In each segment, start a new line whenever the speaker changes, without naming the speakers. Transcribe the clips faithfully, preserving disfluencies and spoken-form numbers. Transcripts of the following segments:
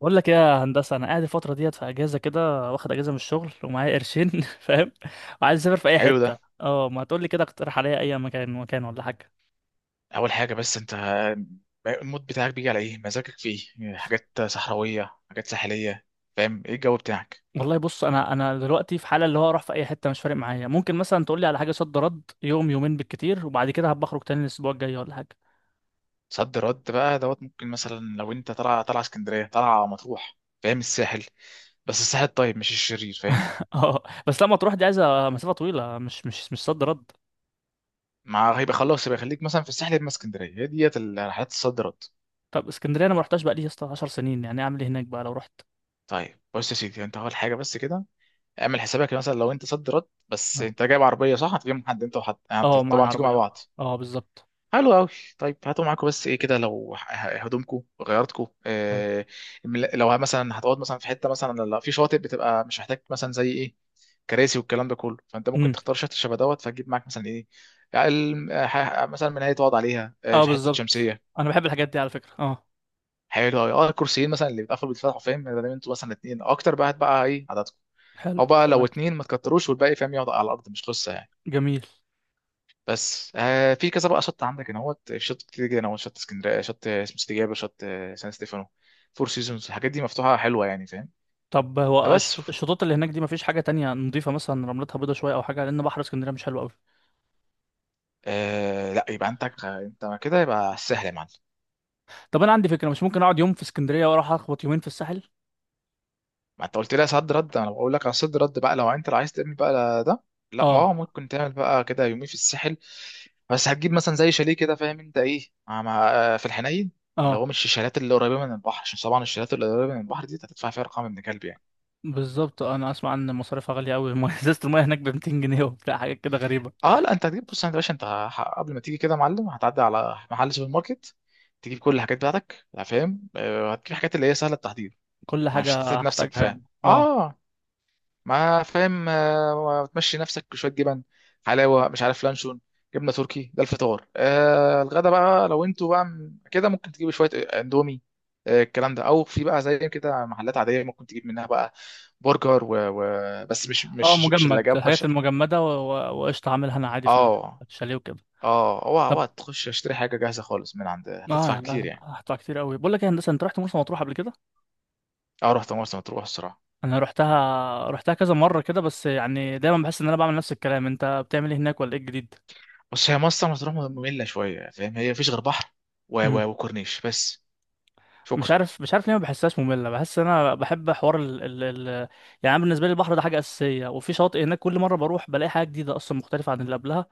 بقول لك ايه يا هندسه. انا قاعد الفتره ديت في اجازه كده، واخد اجازه من الشغل ومعايا قرشين فاهم؟ وعايز اسافر في اي
حلو ده.
حته، اه ما تقول لي كده، اقترح عليا اي مكان، مكان ولا حاجه.
اول حاجه بس انت المود بتاعك بيجي على ايه؟ مزاجك في ايه؟ يعني حاجات صحراويه، حاجات ساحليه، فاهم ايه الجو بتاعك؟
والله بص، انا انا دلوقتي في حاله اللي هو اروح في اي حته، مش فارق معايا. ممكن مثلا تقول لي على حاجه صد رد، يوم يومين بالكتير، وبعد كده هبقى اخرج تاني الاسبوع الجاي ولا حاجه.
صد رد بقى دوت، ممكن مثلا لو انت طالع طالع اسكندريه طالع مطروح، فاهم؟ الساحل، بس الساحل الطيب مش الشرير، فاهم؟
اه بس لما تروح دي، عايزه مسافه طويله، مش مش مش صد رد.
مع هيبقى خلاص، يبقى خليك مثلا في الساحل يا اما اسكندريه. هي ديت الرحلات الصد رد.
طب اسكندريه انا ما رحتهاش بقى لي يا اسطى 10 سنين، يعني اعمل ايه هناك بقى لو رحت؟
طيب بص يا سيدي، انت اول حاجه بس كده اعمل حسابك، مثلا لو انت صد رد، بس انت جايب عربيه صح؟ هتجيب حد؟ انت وحد يعني.
اه مع
طبعا تيجوا مع
العربيه.
بعض.
اه بالظبط.
حلو قوي. طيب هاتوا معاكم بس ايه كده، لو ه- ه- هدومكم غيرتكم، آه. المل- لو مثلا هتقعد مثلا في حته، مثلا لا في شاطئ، بتبقى مش محتاج مثلا زي ايه؟ كراسي والكلام ده كله، فانت ممكن
حلو.
تختار شاطئ شبه دوت، فتجيب معاك مثلا ايه؟ يعني الم- آه، ح- آه، مثلا منايه تقعد عليها، آه،
اه
حته
بالظبط.
شمسيه.
انا بحب الحاجات دي على فكرة، اه.
حلو قوي. اه، الكرسيين مثلا اللي بيتقفلوا بيتفتحوا، فاهم؟ ده ده انتوا مثلا اتنين اكتر بقى، هات بقى ايه عددكم؟ او
حلو
بقى لو
تمام.
اتنين ما تكتروش، والباقي فاهم يقعد على الارض، مش قصه يعني.
جميل.
بس آه في كذا بقى شط عندك هنا، هوت، شط كتير جدا، هو شط اسكندريه، شط اسمه استجابه، شط آه، سان ستيفانو، فور سيزونز، الحاجات دي مفتوحه حلوه يعني، فاهم؟
طب هو
فبس،
الشط- الشطوط اللي هناك دي مفيش حاجة تانية نضيفة مثلا، رملتها بيضة شوية أو حاجة؟ لأن بحر اسكندرية مش حلو أوي.
آه لا، يبقى عندك، آه، انت كده يبقى سهل يا معلم.
طب أنا عندي فكرة، مش ممكن أقعد يوم في اسكندرية وأروح أخبط يومين في الساحل؟
ما انت قلت لي صد رد، انا بقول لك على صد رد بقى، لو انت عايز تعمل بقى ده. لا، ما هو
اه.
ممكن تعمل بقى كده يومين في الساحل. بس هتجيب مثلا زي شاليه كده، فاهم انت ايه؟ مع مع- آه، في الحنين، اللي هو
اه
مش الشاليهات اللي قريبه من البحر، عشان طبعا الشاليهات اللي قريبه من البحر دي هتدفع فيها ارقام ابن كلب يعني.
بالظبط. أنا أسمع إن مصاريفها غالية أوي. المية- إزازة المية هناك ب ميتين جنيه، وبتاع حاجات كده غريبة.
اه، لا، انت هتجيب، بص انت يا باشا، انت ه- قبل ما تيجي كده يا معلم، هتعدي على محل سوبر ماركت، تجيب كل الحاجات بتاعتك، لا فاهم، آه، هتجيب حاجات اللي هي سهله التحضير،
كل
مش
حاجة
هتسيب نفسك،
هحتاجها
فاهم؟
يعني، اه.
اه، ما فاهم، آه، تمشي نفسك بشويه جبن، حلاوه، مش عارف، لانشون، جبنه تركي، ده الفطار. آه الغدا بقى لو انتوا بقى م- كده، ممكن تجيبوا شويه آه، اندومي، آه، الكلام ده، او في بقى زي كده محلات عاديه ممكن تجيب منها بقى، برجر و... و... بس مش
اه
مش مش اللي
مجمد،
جاب
الحاجات
باشا.
المجمدة و- و- وقشطة هعملها أنا عادي في ال-
اه،
في الشاليه وكده.
اه، اوعى
طب.
اوعى تخش اشتري حاجه جاهزه خالص من عند، هتدفع
اه لا
كتير
لا.
يعني.
هدفع كتير أوي. بقول لك إيه يا هندسة، أنت رحت مرسى مطروح قبل كده؟
اه، رحت مرسى مطروح الصراحه.
انا رحتها رحتها كذا مره كده، بس يعني دايما بحس ان انا بعمل نفس الكلام. انت بتعمل ايه هناك ولا ايه الجديد؟
بس هي مرسى مطروح ممله شويه، فاهم؟ هي مفيش غير بحر و...
امم.
و... وكورنيش بس.
مش
شكرا.
عارف مش عارف ليه ما بحسهاش ممله، بحس ان انا بحب حوار ال... ال... ال... يعني أنا بالنسبه لي البحر ده حاجه اساسيه، وفي شاطئ هناك كل مره بروح بلاقي حاجه جديده اصلا مختلفه عن اللي قبلها.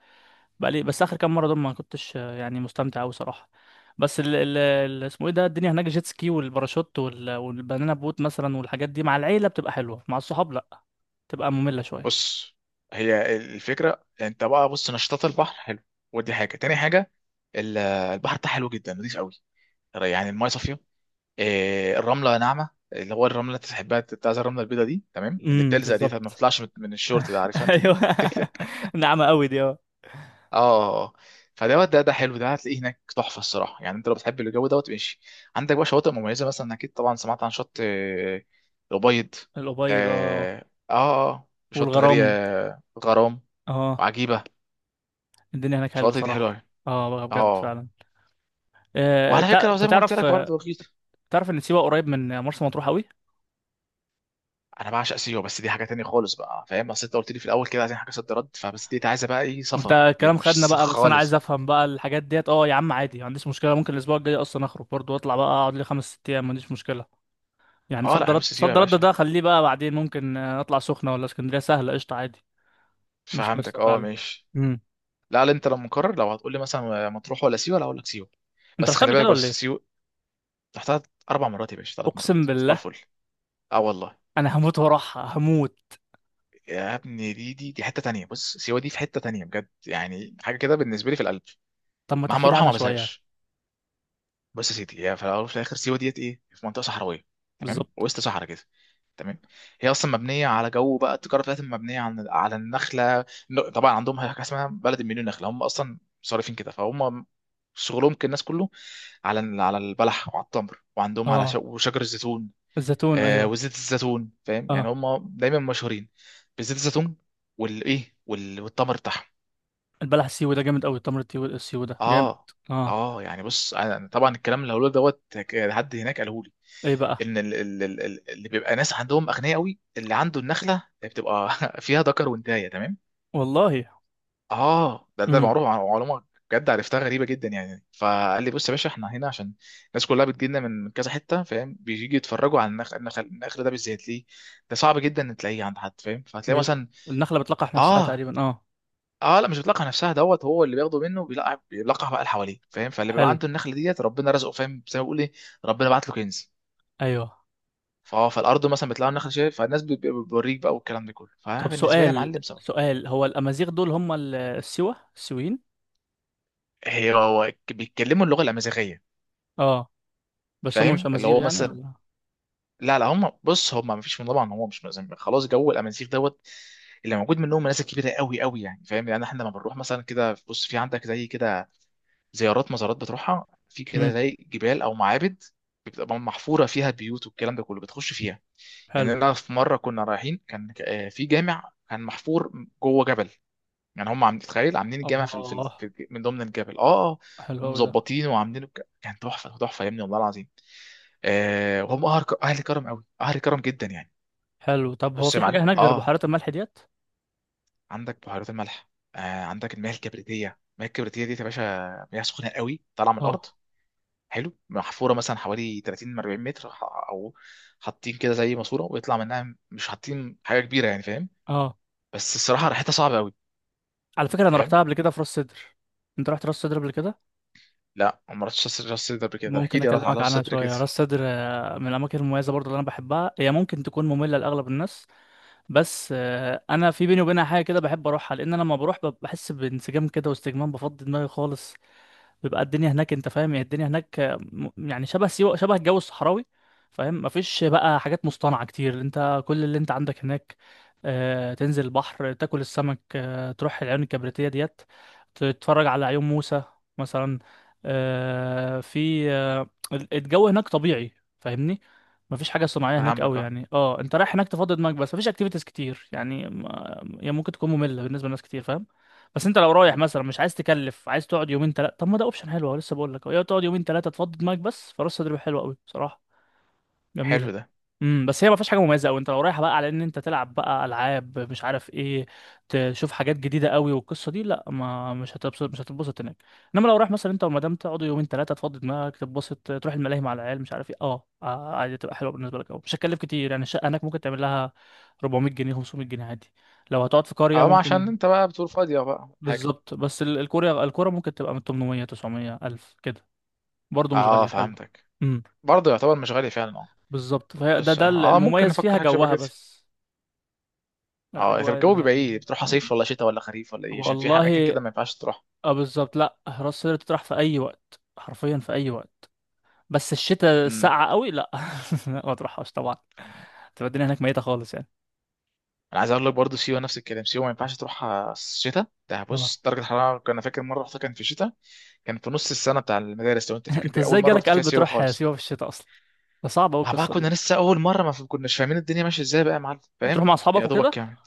بلاقي بس اخر كام مره دول ما كنتش آه، يعني مستمتع قوي صراحه. بس ال... ال... ال... اسمه ايه ده، الدنيا هناك جيت سكي والباراشوت وال... والبنانا بوت مثلا، والحاجات دي مع العيله بتبقى حلوه، مع الصحاب لا، بتبقى ممله شويه.
بص، هي الفكره انت بقى، بص نشاطات البحر حلو، ودي حاجه. تاني حاجه، ال- البحر بتاعها حلو جدا، نضيف قوي، يعني المايه صافيه. آه، الرمله ناعمه، اللي هو الرمله اللي انت تحبها، بتاع زي الرمله البيضاء دي، تمام اللي
امم
بتلزق دي، طب ما
بالظبط.
بتطلعش من من الشورت ده، عارفها انت دي؟
ايوه. ناعمة قوي دي، اه.
اه، آه، آه. فدوت ده ده حلو، ده هتلاقيه هناك تحفه الصراحه يعني، انت لو بتحب الجو دوت ماشي. عندك بقى شواطئ مميزه، مثلا اكيد طبعا سمعت عن شط آه، الأبيض.
الأبيض، اه.
اه، اه، آه، شط
والغرام،
غري آه، غرام،
اه.
وعجيبه.
الدنيا هناك حلوة
الشواطئ دي حلوه
صراحة.
أوي.
اه بقى بجد
اه،
فعلا. آه،
وعلى
تع-
فكره
انت
زي ما قلت
تعرف
لك
آه،
برضه رخيص.
تعرف ان سيوة قريب من مرسى مطروح قوي؟
انا بعشق سيوه، بس دي حاجه تانية خالص بقى، فاهم، اصل انت قلت لي في الاول كده عايزين حاجه صد رد، فبس دي عايزه بقى ايه
انت
سفر، دي
الكلام
مفيش
خدنا
سخ
بقى، بس انا عايز
خالص.
افهم بقى الحاجات ديت. اه يا عم عادي، ما عنديش مشكلة. ممكن الاسبوع الجاي اصلا اخرج برضه واطلع بقى، اقعد لي خمس ست ايام، ما عنديش مشكلة. يعني
اه،
صد
لا،
رد
بص سيوه يا
صد رد
باشا،
ده خليه بقى بعدين، ممكن آه، اطلع سخنة ولا اسكندرية سهلة قشطة عادي. مش
فهمتك،
قصة
اه،
فعلا.
ماشي.
امم.
لا، لا، انت لو مكرر، لو هتقول لي مثلا مطروح ولا سيوه، لا اقول لك سيوه.
انت
بس
رحت
خلي
قبل كده
بالك،
ولا
بس
ايه؟
سيوه رحتها اربع مرات يا باشا، ثلاث مرات،
اقسم
صباح
بالله.
الفل. اه والله.
انا هموت وراحها، هموت.
يا ابني، دي دي دي حته تانية، بص سيوه دي في حته تانية بجد، يعني حاجه كده بالنسبه لي في القلب،
طب ما
مهما
تحكي لي
اروحها
عنها
ما
شوية.
بزهقش. بص يا سيدي، هي في الاول وفي الاخر سيوه ديت ايه في منطقه صحراويه، تمام،
بالظبط.
وسط صحراء كده، تمام. هي اصلا مبنيه على جو بقى، التجاره بتاعتهم مبنيه على على النخله. ن- طبعا عندهم حاجه اسمها بلد مليون نخله، هم اصلا صارفين كده، فهم شغلهم كالناس كله، على ال- على البلح وعلى التمر، وعندهم على ش-
اه
وشجر الزيتون.
الزيتون
آه
ايوه.
وزيت الزيتون، فاهم، يعني
اه
هم دايما مشهورين بزيت الزيتون، والايه وال- والتمر بتاعهم.
البلح السيوي ده جامد قوي. تمر التيو- السيوي ده جامد.
اه،
اه.
اه، يعني بص أنا- طبعا الكلام اللي هقوله دوت، ك- حد هناك قاله لي
ايه بقى؟
ان ال- ال- ال- ال- اللي بيبقى ناس عندهم اغنياء قوي، اللي عنده النخله بتبقى فيها ذكر وانثى، تمام.
والله.
اه، ده ده
امم.
معروف، عن معلومه. بجد عرفتها غريبه جدا يعني. فقال لي بص يا باشا، احنا هنا عشان الناس كلها بتجي لنا من من كذا حته، فاهم، بيجي يتفرجوا على النخل. النخل, النخل ده بالذات ليه؟ ده صعب جدا ان تلاقيه عند حد، فاهم، فهتلاقي
بي...
مثلا.
النخلة بتلقح نفسها
اه،
تقريبا، اه.
اه، لا، مش بتلقح نفسها دوت، هو اللي بياخده منه بيلقح، بيلقح بقى اللي حواليه فاهم، فاللي بيبقى
حلو.
عنده النخله ديت ربنا رزقه، فاهم، زي ما بيقول ايه، ربنا بعت له كنز.
ايوه.
فاه فالارض مثلا بتلاقي النخله، شايف، فالناس بت- بتوريك بقى والكلام ده كله، فانا
طب
بالنسبه لي يا
سؤال،
معلم سواء.
سؤال. هو الامازيغ دول هم ال- السوا السويين؟
هي، هو ك- بيتكلموا اللغه الامازيغيه،
اه. بس هم مش
فاهم؟ اللي
امازيغ
هو
يعني
مثلا،
ولا؟
لا، لا، هم، بص هم ما فيش من، طبعا هم مش مزم- خلاص جو الامازيغ دوت، اللي موجود منهم ناس كبيره قوي قوي يعني، فاهم، يعني احنا لما بنروح مثلا كده، بص في عندك زي كده زيارات، مزارات بتروحها في كده
امم.
زي جبال او معابد، بتبقى محفوره فيها بيوت والكلام ده كله، بتخش فيها.
حلو.
يعني انا في مره كنا رايحين، كان آه، في جامع كان محفور جوه جبل، يعني هم عاملين، تخيل، عاملين الجامع في, ال- في, ال-
الله.
في الج- من ضمن الجبل. اه، آه.
حلو قوي ده.
ومظبطين وعاملينه بك- كان تحفه تحفه يا ابني، والله العظيم. آه وهم اهل ك- اهل كرم قوي، اهل كرم جدا يعني.
حلو. طب هو
بص يا
في
معلم،
حاجة هناك غير
اه،
بحيرات الملح ديت؟
عندك بحيرات الملح، آه عندك المياه الكبريتيه. المياه الكبريتيه دي يا باشا مياه سخنه قوي طالعه من الارض.
اه.
حلو، محفوره مثلا حوالي ثلاثين اربعين متر، ح- او حاطين كده زي ماسوره ويطلع منها، مش حاطين حاجه كبيره يعني، فاهم.
اه
بس الصراحه ريحتها صعبه قوي،
على فكرة انا
فاهم.
رحتها قبل كده في راس سدر. انت رحت راس سدر قبل كده؟
لا، ما رحتش راس راس صدر قبل كده، احكي
ممكن
لي راس، على
اكلمك
راس
عنها
صدر كده.
شويه. راس سدر آه، من الاماكن المميزه برضو اللي انا بحبها. هي ممكن تكون ممله لاغلب الناس، بس آه، انا في بيني وبينها حاجه كده، بحب اروحها لان انا لما بروح بب- بحس بانسجام كده واستجمام، بفضي دماغي خالص. بيبقى الدنيا هناك، انت فاهم يعني، الدنيا هناك م- يعني شبه سيوة، شبه الجو الصحراوي. فاهم؟ مفيش بقى حاجات مصطنعة كتير. انت كل اللي انت عندك هناك، آه، تنزل البحر، تاكل السمك، آه، تروح العيون الكبريتية ديت، تتفرج على عيون موسى مثلا. آه، في آه، ال- الجو هناك طبيعي، فاهمني؟ مفيش حاجة صناعية هناك
فهمك،
قوي
اه.
يعني. اه انت رايح هناك تفضي دماغك بس، مفيش اكتيفيتيز كتير يعني. ما- هي ممكن تكون مملة بالنسبة لناس كتير، فاهم؟ بس انت لو رايح مثلا مش عايز تكلف، عايز تقعد يومين ثلاثه، طب ما ده اوبشن حلو أهو. لسه بقول لك، يا تقعد يومين ثلاثه تفضي دماغك بس، فراس تدريب حلوه قوي بصراحه، جميله.
حلو ده.
امم. بس هي ما فيهاش حاجه مميزه قوي. انت لو رايح بقى على ان انت تلعب بقى العاب مش عارف ايه، تشوف حاجات جديده قوي والقصه دي، لا، ما مش هتبسط مش هتتبسط هناك. انما لو رايح مثلا انت والمدام تقعدوا يومين ثلاثه، تفضي دماغك تتبسط، تروح الملاهي مع العيال مش عارف ايه، اه اه، عادي تبقى حلوه بالنسبه لك قوي. مش هتكلف كتير يعني. الشقه هناك ممكن تعمل لها اربعمئة جنيه خمسمئة جنيه عادي، لو هتقعد في قريه
اه، ما عشان
ممكن.
انت بقى بتقول فاضية بقى حاجة.
بالظبط. بس ال- الكوريا الكورة ممكن تبقى من تمنمية تسعمية ألف كده، برضه مش
اه،
غالية، حلوة.
فهمتك.
امم.
برضه يعتبر مش غالي فعلا، اه.
بالظبط. فهي ده
بس
ده
اه، ممكن
المميز
نفكر
فيها،
حاجة شبه
جوها
كده.
بس.
اه، طب
الأجواء
الجو
اللي.
بيبقى ايه؟ بتروح صيف ولا شتاء ولا خريف ولا ايه؟ عشان في اماكن
والله.
كده ما ينفعش تروح.
اه بالظبط. لا راس سدر تطرح في أي وقت، حرفيا في أي وقت. بس الشتاء
امم
الساقعة قوي، لا لا، ما تروحهاش طبعا. تبقى الدنيا هناك ميتة خالص يعني.
انا عايز اقول لك برضه سيوة نفس الكلام، سيوة ما ينفعش تروح شتاء. ده
اه.
بص درجة الحرارة، كنا فاكر مرة رحتها كان في شتاء، كان في نص السنة بتاع المدارس، لو انت فاكر،
انت
دي اول
ازاي
مرة
جالك
رحت فيها
قلب
سيوة
تروح
خالص،
سيوة في الشتاء أصلا؟ ده صعب أوي
ما بقى
القصة
كنا
دي.
لسه اول مرة، ما كناش فاهمين الدنيا ماشية ازاي بقى يا معلم،
بتروح
فاهم،
مع أصحابك
يا دوبك
وكده.
كام.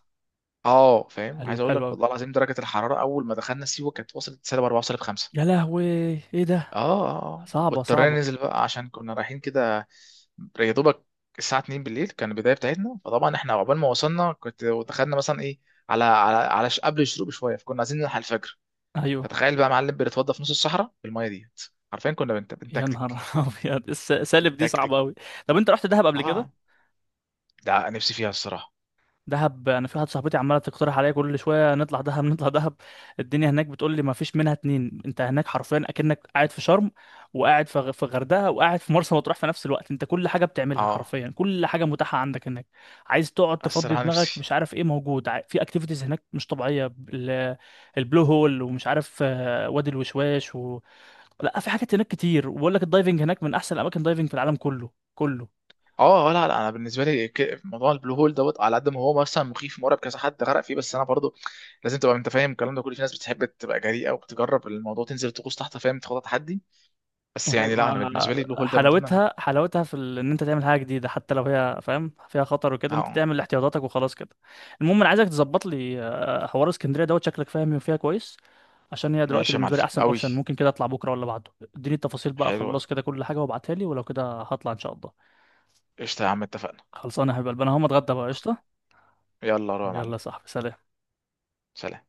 اه فاهم،
حلو.
عايز اقول
حلو
لك
أوي.
والله العظيم، درجه الحراره اول ما دخلنا سيوه كانت وصلت سالب اربعة وسالب خمسة.
يا لهوي، ايه ده؟
اه، اه، اه،
صعبة
واضطرينا
صعبة.
ننزل بقى عشان كنا رايحين كده، يا دوبك. الساعه اثنين بالليل كان البدايه بتاعتنا، فطبعا احنا عقبال ما وصلنا، كنت ودخلنا مثلا ايه على على على ش- قبل الشروق بشويه، فكنا عايزين نلحق الفجر.
ايوه.
فتخيل بقى معلم، بنتوضى في نص الصحراء بالميه ديت، عارفين كنا بنت...
يا نهار
بنتكتك.
ابيض. الس- سالب دي
بنتكتك.
صعبه قوي. طب انت رحت دهب قبل كده؟
اه، ده نفسي فيها الصراحه.
دهب. انا في واحده صاحبتي عماله تقترح عليا كل شويه، نطلع دهب نطلع دهب. الدنيا هناك بتقول لي ما فيش منها اتنين، انت هناك حرفيا اكنك قاعد في شرم، وقاعد في غ- في غردقه، وقاعد في مرسى مطروح في نفس الوقت. انت كل حاجه بتعملها،
اه،
حرفيا كل حاجه متاحه عندك هناك. عايز تقعد تفضي
الصراحه
دماغك،
نفسي.
مش عارف ايه. موجود ع- في اكتيفيتيز هناك مش طبيعيه. ال- البلو هول، ومش عارف آه، وادي الوشواش. لا في حاجات هناك كتير، وبقول لك الدايفنج هناك من احسن الاماكن دايفنج في العالم كله كله.
اه، آه، لا، لا، انا بالنسبه لي ك- موضوع البلو هول دوت، على قد ما هو مثلا مخيف مرعب، كذا حد غرق فيه، بس انا برضو لازم تبقى انت فاهم الكلام ده كله، في ناس بتحب تبقى جريئه وبتجرب الموضوع، تنزل تغوص تحت فاهم، تاخد تحدي. بس يعني لا، انا
و-
بالنسبه لي البلو هول ده من ضمن انا.
حلاوتها حلاوتها في ال- ان انت تعمل حاجه جديده، حتى لو هي فاهم فيها خطر وكده، انت
اه
تعمل احتياطاتك وخلاص كده. المهم انا عايزك تظبط لي آه، حوار اسكندريه دوت، شكلك فاهم فيها كويس، عشان هي دلوقتي
ماشي يا معلم
بالنسبه لي احسن
قوي،
اوبشن. ممكن كده اطلع بكره ولا بعده، اديني التفاصيل بقى،
حلوه،
خلص كده كل حاجه وابعتها لي، ولو كده هطلع ان شاء الله.
قشطه يا عم، اتفقنا.
خلصانه يا حبيب قلبي. انا هقوم اتغدى بقى، قشطه.
يلا روح يا
يلا
معلم.
يا صاحبي، سلام.
سلام.